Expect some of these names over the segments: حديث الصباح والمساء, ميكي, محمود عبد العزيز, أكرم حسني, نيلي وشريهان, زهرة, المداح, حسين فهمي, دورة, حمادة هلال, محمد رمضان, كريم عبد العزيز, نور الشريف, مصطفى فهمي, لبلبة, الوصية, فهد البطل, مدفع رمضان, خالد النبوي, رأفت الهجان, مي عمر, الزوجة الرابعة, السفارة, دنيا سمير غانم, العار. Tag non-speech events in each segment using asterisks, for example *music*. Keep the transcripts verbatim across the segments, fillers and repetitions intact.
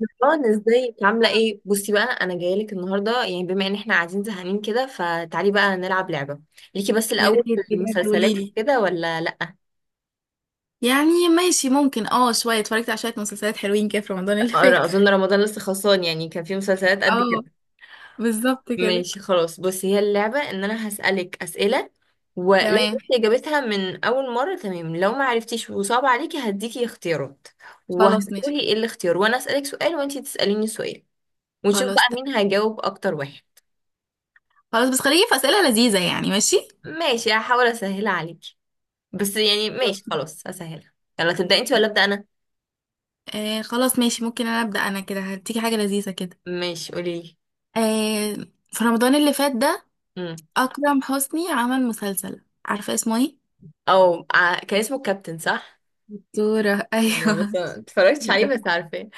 اه، ازيك؟ عامله ايه؟ بصي بقى، انا جايه لك النهارده، يعني بما ان احنا قاعدين زهقانين كده، فتعالي بقى نلعب لعبه. ليكي بس يا الاول ريت في بجد قولي المسلسلات لي. وكده ولا لا؟ يعني ماشي ممكن اه شوية اتفرجت على شوية مسلسلات حلوين كده في رمضان اللي أرى فات. اظن رمضان لسه خلصان، يعني كان في مسلسلات *laughs* قد كده؟ اه، بالظبط كده. ماشي، خلاص. بصي، هي اللعبه ان انا هسالك اسئله، ولو تمام جبتي اجابتها من اول مره تمام، لو ما عرفتيش وصعب عليكي هديكي اختيارات، خلاص ماشي وهتقولي ايه الاختيار، وانا اسالك سؤال وانتي تساليني سؤال، ونشوف خلاص بقى ت- مين هيجاوب اكتر واحد. خلاص، بس خليكي في أسئلة لذيذة يعني. ماشي ماشي، هحاول اسهلها عليكي، بس يعني ماشي، خلاص. خلاص هسهلها. يلا تبدأ انت ولا أبدأ أنا؟ آه خلاص ماشي، ممكن انا أبدأ، انا كده هديكي حاجة لذيذة كده. ماشي، قولي لي. آه، في رمضان اللي فات ده امم. أكرم حسني عمل مسلسل، عارفة اسمه ايه؟ او ع- كان اسمه الكابتن، صح؟ دورة. *laughs* ايوه، بس ايوه ما اتفرجتش عليه، بس دورة. عارفاه.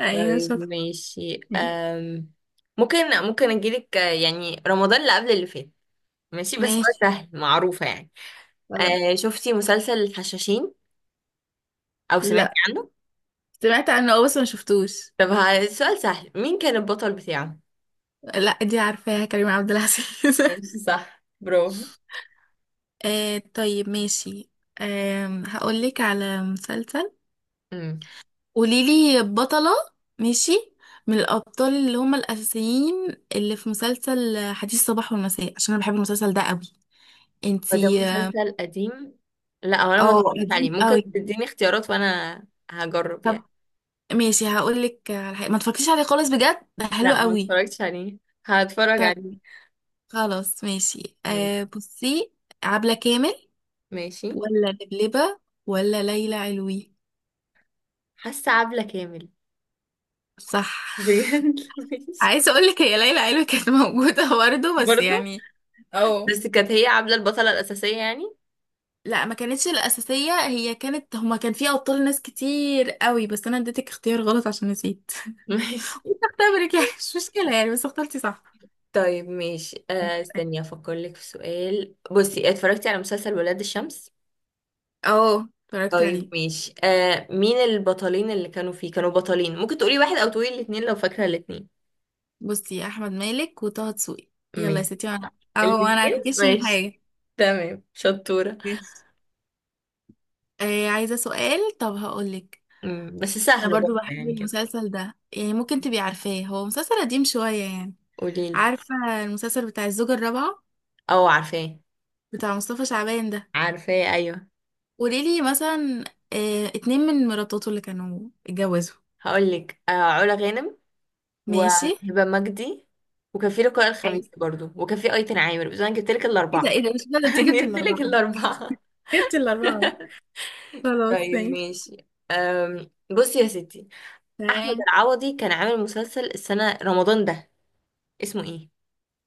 ايوه طيب شاطرة. ماشي. أم... ممكن، ممكن اجيلك، آه، يعني رمضان اللي قبل اللي فات. ماشي، بس هو ماشي سهل، معروفة يعني. خلاص. أه شفتي مسلسل الحشاشين او سمعتي لا، عنه؟ سمعت عنه اه بس ما شفتوش. طب ه- السؤال سهل، مين كان البطل بتاعه؟ لا دي عارفاها، كريم عبد العزيز. *laughs* ماشي، صح، برافو. آه طيب ماشي. آه هقولك على مسلسل، مم. قوليلي بطلة. ماشي، من الأبطال اللي هم الأساسيين اللي في مسلسل حديث الصباح والمساء، عشان أنا بحب المسلسل ده قوي. هو ده انتي اه. مسلسل قديم؟ لا، هو انا ما آه، اتفرجتش عليه، قديم ممكن قوي. تديني اختيارات وانا هجرب يعني. طب ماشي، هقولك على حاجة ما تفكريش عليه خالص، بجد ده حلو لا، ما قوي. اتفرجتش عليه، هتفرج طيب عليه. خلاص ماشي. م- آه بصي، عبلة كامل ماشي. ولا لبلبة ولا ليلى علوي. حاسه عبلة كامل. صح. بجد، *laughs* *laughs* ماشي. عايزه اقول لك هي ليلى علوي كانت موجوده *laughs* برضه، بس برضه. يعني. اه. بس كانت هي عبلة البطلة الأساسية يعني. لا ما كانتش الاساسيه، هي كانت هما كان فيها ابطال ناس كتير قوي، بس انا اديتك اختيار غلط عشان نسيت. *laughs* *laughs* ماشي. كنت اختبرك يعني، مش مشكله يعني، بس اخترتي صح. طيب ماشي، آه استني افكر لك في سؤال. بصي، اتفرجتي على مسلسل ولاد الشمس؟ اه اتفرجت طيب عليه. ماشي، آه مين البطلين اللي كانوا فيه؟ كانوا بطلين، ممكن تقولي واحد او تقولي الاتنين لو فاكرة الاتنين. بصي احمد مالك وطه دسوقي. يلا يا ماشي، ستي انا اهو، انا الاثنين، هتكشف ماشي، حاجه. تمام، شطورة. ماشي. آه عايزه سؤال، طب هقول لك. مم. بس انا سهل برضو برضه بحب يعني كده. المسلسل ده يعني، ممكن تبقي عارفاه، هو مسلسل قديم شوية يعني. قوليلي. عارفة المسلسل بتاع الزوجة الرابعة او عارفاه. بتاع مصطفى شعبان ده؟ عارفاه، ايوه. قوليلي مثلا اه اتنين من مراتاته اللي كانوا اتجوزوا. هقولك، آه علا غانم ماشي. وهبة مجدي، وكان في لقاء اي، الخميس برضه، وكان في ايتن عامر، بس انا جبتلك ايه ده، الاربعة. ايه ده، مش *laughs* ده انت انا جبت الاربعة؟ جبتلك الاربعة. جبت الاربعة، خلاص طيب ماشي ماشي. أم بصي يا ستي، احمد تمام. العوضي كان عامل مسلسل السنة رمضان ده، اسمه ايه؟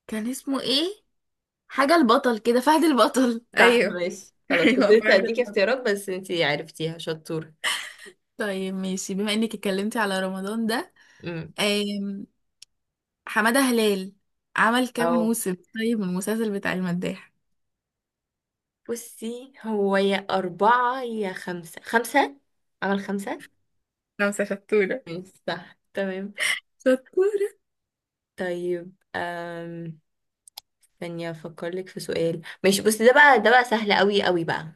كان اسمه ايه؟ حاجة البطل كده، فهد البطل صح، ايوه. ماشي، *laughs* خلاص. كنت ايوه لسه فهد هديكي البطل. اختيارات، بس انتي عرفتيها، شطورة. طيب ماشي، بما انك اتكلمتي على رمضان ده، امم. حمادة هلال عمل كام او موسم طيب من المسلسل بتاع المداح؟ بصي، هو يا أربعة يا خمسة، خمسة. عمل خمسة. خمسة شطورة. ماشي، صح، تمام. شطورة. طيب. أم... ثانية أفكر لك في سؤال. ماشي، بصي، ده بقى ده بقى سهل قوي قوي بقى.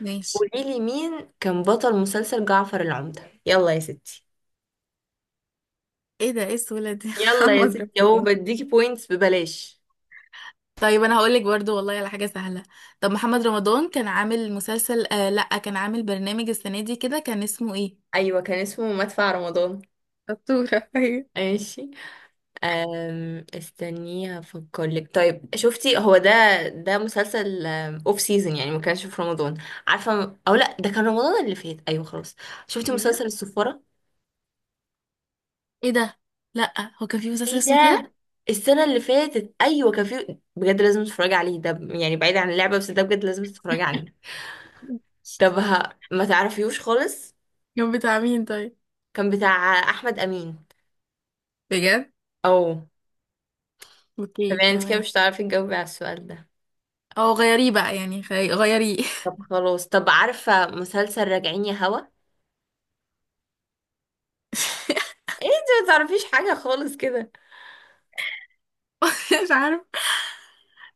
ماشي قولي لي مين كان بطل مسلسل جعفر العمدة؟ يلا يا ستي. ايه ده، ايه السهولة دي؟ *laughs* يلا يا محمد ستي، اهو رمضان. بديكي بوينتس ببلاش. طيب انا هقولك برضو والله على حاجة سهلة. طب محمد رمضان كان عامل مسلسل آه لا، كان عامل برنامج السنة دي كده، كان اسمه ايه؟ ايوه، كان اسمه مدفع رمضان. شطورة. *laughs* أيوة. ماشي. أم استنيه افكر لك. طيب، شفتي هو ده؟ ده مسلسل اوف سيزون، يعني ما كانش في رمضان، عارفه او لا؟ ده كان رمضان اللي فات، ايوه خلاص. شفتي بجد؟ مسلسل السفاره؟ ايه ده، لا هو كان في مسلسل ايه اسمه كده. ده، السنه اللي فاتت ايوه كان في، بجد لازم تتفرجي عليه ده، يعني بعيد عن اللعبه، بس ده بجد لازم تتفرجي عليه. طب ه- ما تعرفيوش خالص. كان بتاع مين طيب؟ كان بتاع احمد امين. بجد؟ او. طب اوكي يعني انت كده تمام. مش هتعرفي تجاوبي على السؤال ده. او غيريه بقى يعني خي- غيريه. طب خلاص، طب عارفه مسلسل راجعين يا هوا؟ ايه انت ما تعرفيش حاجة خالص كده. *laughs* مش عارفة.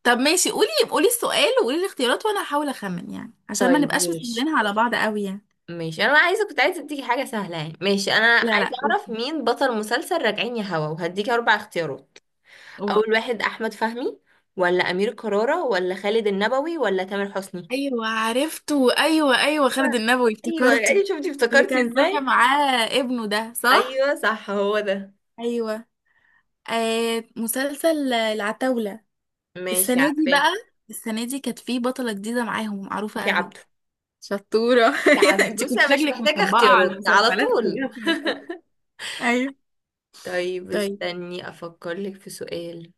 طب ماشي قولي، قولي السؤال وقولي الاختيارات وانا هحاول اخمن يعني، عشان ما طيب نبقاش ماشي، مسهلينها على بعض قوي يعني. ماشي انا عايزة كنت عايزة اديكي حاجة سهلة. يعني ماشي، انا لا عايزة لا اعرف قولي، مين بطل مسلسل راجعين يا هوا، وهديكي اربع اختيارات. قولي. اول واحد احمد فهمي، ولا امير كرارة، ولا خالد النبوي، ولا تامر حسني؟ ايوه عرفته، ايوه ايوه خالد آه. النبوي ايوه افتكرته. ايوه، شفتي اللي افتكرتي كان طالع ازاي؟ معاه ابنه ده، صح. ايوه، صح، هو ده. ايوه. آه مسلسل العتاولة، ماشي، السنة دي عارفاه. بقى، السنة دي كانت في بطلة جديدة معاهم معروفة في قوي. عبده. شطورة. *laughs* في عبده، انت بصي كنت انا مش شكلك محتاجة مطبقة على اختيارات على المسلسلات كلها طول. في الأول. *laughs* ايوه. طيب، طيب استني افكر لك في سؤال.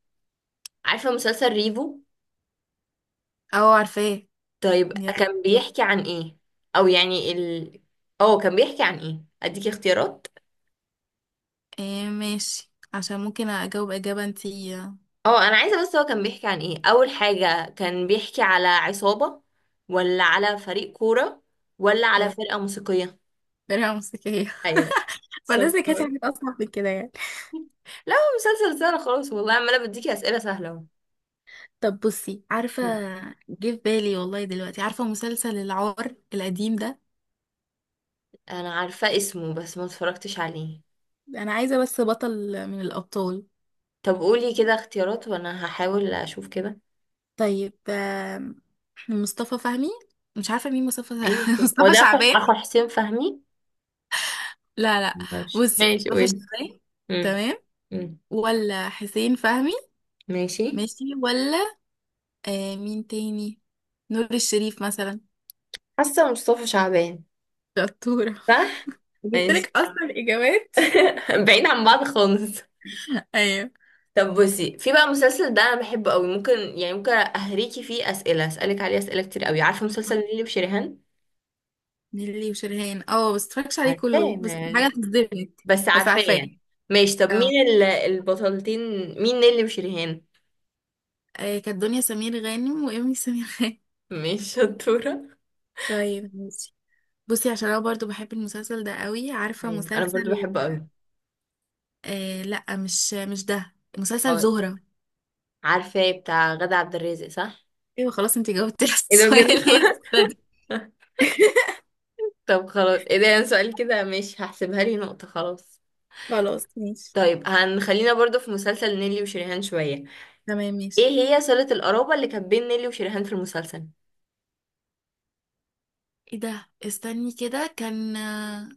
عارفة مسلسل ريفو؟ اه عارفاه. طيب، يلا. كان بيحكي عن ايه؟ او يعني ال اه كان بيحكي عن ايه؟ اديكي اختيارات. ايه ماشي، عشان ممكن اجاوب اجابة انتي. اه انا عايزه بس هو كان بيحكي عن ايه اول حاجه، كان بيحكي على عصابه، ولا على فريق كوره، ولا على تمام. فرقه موسيقيه؟ درع موسيقية. ايوه، *laughs* فلازم كانت شطورة. حاجة *laughs* اصعب من كده يعني. لا، هو مسلسل سهل خالص والله، عماله بديكي اسئله سهله اهو. طب بصي، عارفة جه في بالي والله دلوقتي، عارفة مسلسل العار القديم ده. انا عارفه اسمه، بس ما اتفرجتش عليه. انا عايزة بس بطل من الابطال. طب قولي كده اختيارات وانا هحاول اشوف كده. طيب آم، مصطفى فهمي، مش عارفة مين مصطفى. *laughs* يمكن هو مصطفى ده اخو شعبان، اخو حسين فهمي. لا لا. ماشي بصي ماشي، مصطفى قولي. شعبان، مم. تمام، مم. ولا حسين فهمي، ماشي. ماشي، ولا آه مين تاني، نور الشريف مثلا. حاسة مصطفى شعبان. شطورة. صح. ماشي. جبتلك اصلا الاجابات. *laughs* بعيد عن بعض خالص. ايوه. طب بصي، في بقى مسلسل ده انا بحبه قوي، ممكن يعني ممكن اهريكي فيه اسئله، اسالك عليه اسئله كتير قوي. عارفه مسلسل نيلي وشريهان؟ نيللي وشريهان اه، بس متفرجش عليه كله عارفاه ما بس يعني، حاجة تصدمك. بس بس عارفاه عارفاه. يعني. ماشي، طب اه مين ال- البطلتين؟ مين نيلي وشريهان؟ آه، كانت دنيا سمير غانم وإيمي سمير غانم. مش شطوره. طيب ماشي. بصي عشان انا برضو بحب المسلسل ده قوي، عارفة ايوه انا برضو مسلسل بحبه قوي. آه لا، مش مش ده مسلسل أوي. زهرة. عارفاه، بتاع غادة عبد الرازق، صح؟ ايوه خلاص، انتي جاوبتي على ايه ده بجد. السؤال. *laughs* إيه الزهرة دي. *laughs* طب خلاص، ايه ده، يعني سؤال كده، ماشي هحسبها لي نقطة، خلاص. خلاص ماشي. طيب هنخلينا برضو في مسلسل نيلي وشريهان شوية. تمام ايه ماشي. هي صلة القرابة اللي كانت بين نيلي وشريهان في المسلسل؟ ايه ده، استني كده، كان آه،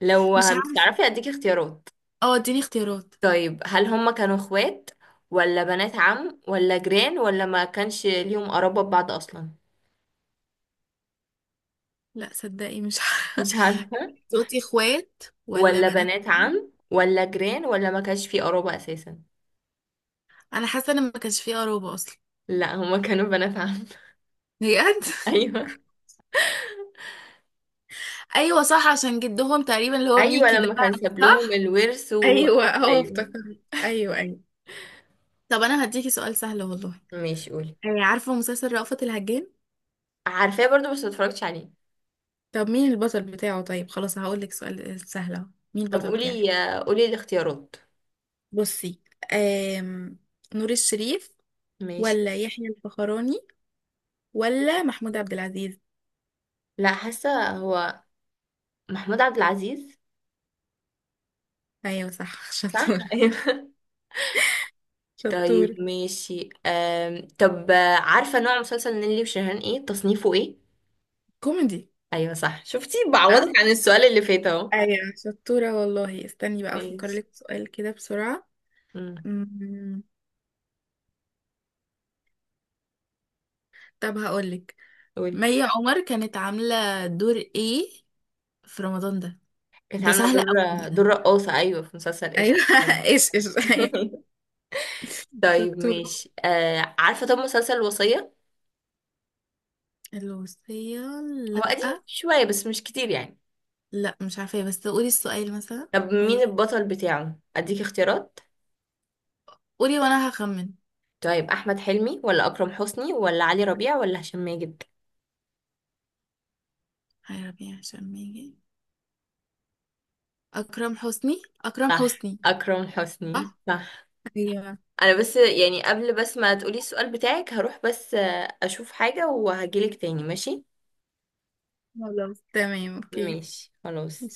لو مش مش عارفة. تعرفي اديكي اختيارات. اه اديني اختيارات. طيب، هل هما كانوا اخوات، ولا بنات عم، ولا جيران، ولا ما كانش ليهم قرابة ببعض اصلا؟ لا صدقي مش عارفة. مش عارفة. *laughs* صوتي اخوات ولا ولا بنات بنات عم. عم، ولا جيران، ولا ما كانش في قرابة اساسا؟ انا حاسه ان ما كانش فيه قرابه اصلا. لا، هما كانوا بنات عم. *laughs* بجد. *laughs* ايوه. ايوه صح، عشان جدهم تقريبا اللي هو ايوه، ميكي ده. لما كان ساب لهم صح. الورث و... ايوه اه ايوه. افتكرت، ايوه ايوه. طب انا هديكي سؤال سهل والله. ماشي، قولي. آه، عارفه مسلسل رأفت الهجان. عارفاه برضو بس متفرجتش عليه. طب مين البطل بتاعه؟ طيب خلاص هقول لك سؤال سهل اهو، مين طب البطل بتاعه. قولي، قولي الاختيارات. بصي آم... نور الشريف ماشي. ولا يحيى الفخراني ولا محمود عبد العزيز. لا، حاسه هو محمود عبد العزيز. ايوه صح. *laughs* صح. *laughs* شطوره ايوه. شطوره. طيب ماشي. أم... طب عارفه نوع مسلسل نيللي وشيرين ايه؟ تصنيفه ايه؟ كوميدي. ايوه، صح، شفتي اه بعوضك عن السؤال اللي فات اهو. ايوه شطورة والله، استني بقى افكر ماشي. لك في سؤال كده بسرعة. أمم، أمم، طب هقولك، قولي. مي عمر كانت عاملة دور ايه في رمضان ده؟ كانت ده عامله سهل دور قوي بقى. دور رقاصه، ايوه، في مسلسل ايوه. ايش؟ *laughs* ايش ايش. ايوه *laughs* طيب شطورة. ماشي، آه عارفه طب مسلسل الوصيه؟ الوصية، هو لا، قديم شويه بس مش كتير يعني. لا مش عارفة بس قولي السؤال مثلا. طب مين قولي، البطل بتاعه؟ اديك اختيارات. قولي وانا هخمن. طيب احمد حلمي، ولا اكرم حسني، ولا علي ربيع، ولا هشام ماجد؟ يا ربي عشان ما يجي، اكرم حسني، اكرم صح، حسني. اكرم حسني، صح. صح. ايوه انا بس يعني، قبل بس ما تقولي السؤال بتاعك، هروح بس آه، اشوف حاجة وهجيلك تاني، ماشي؟ خلاص تمام اوكي. ماشي خلاص.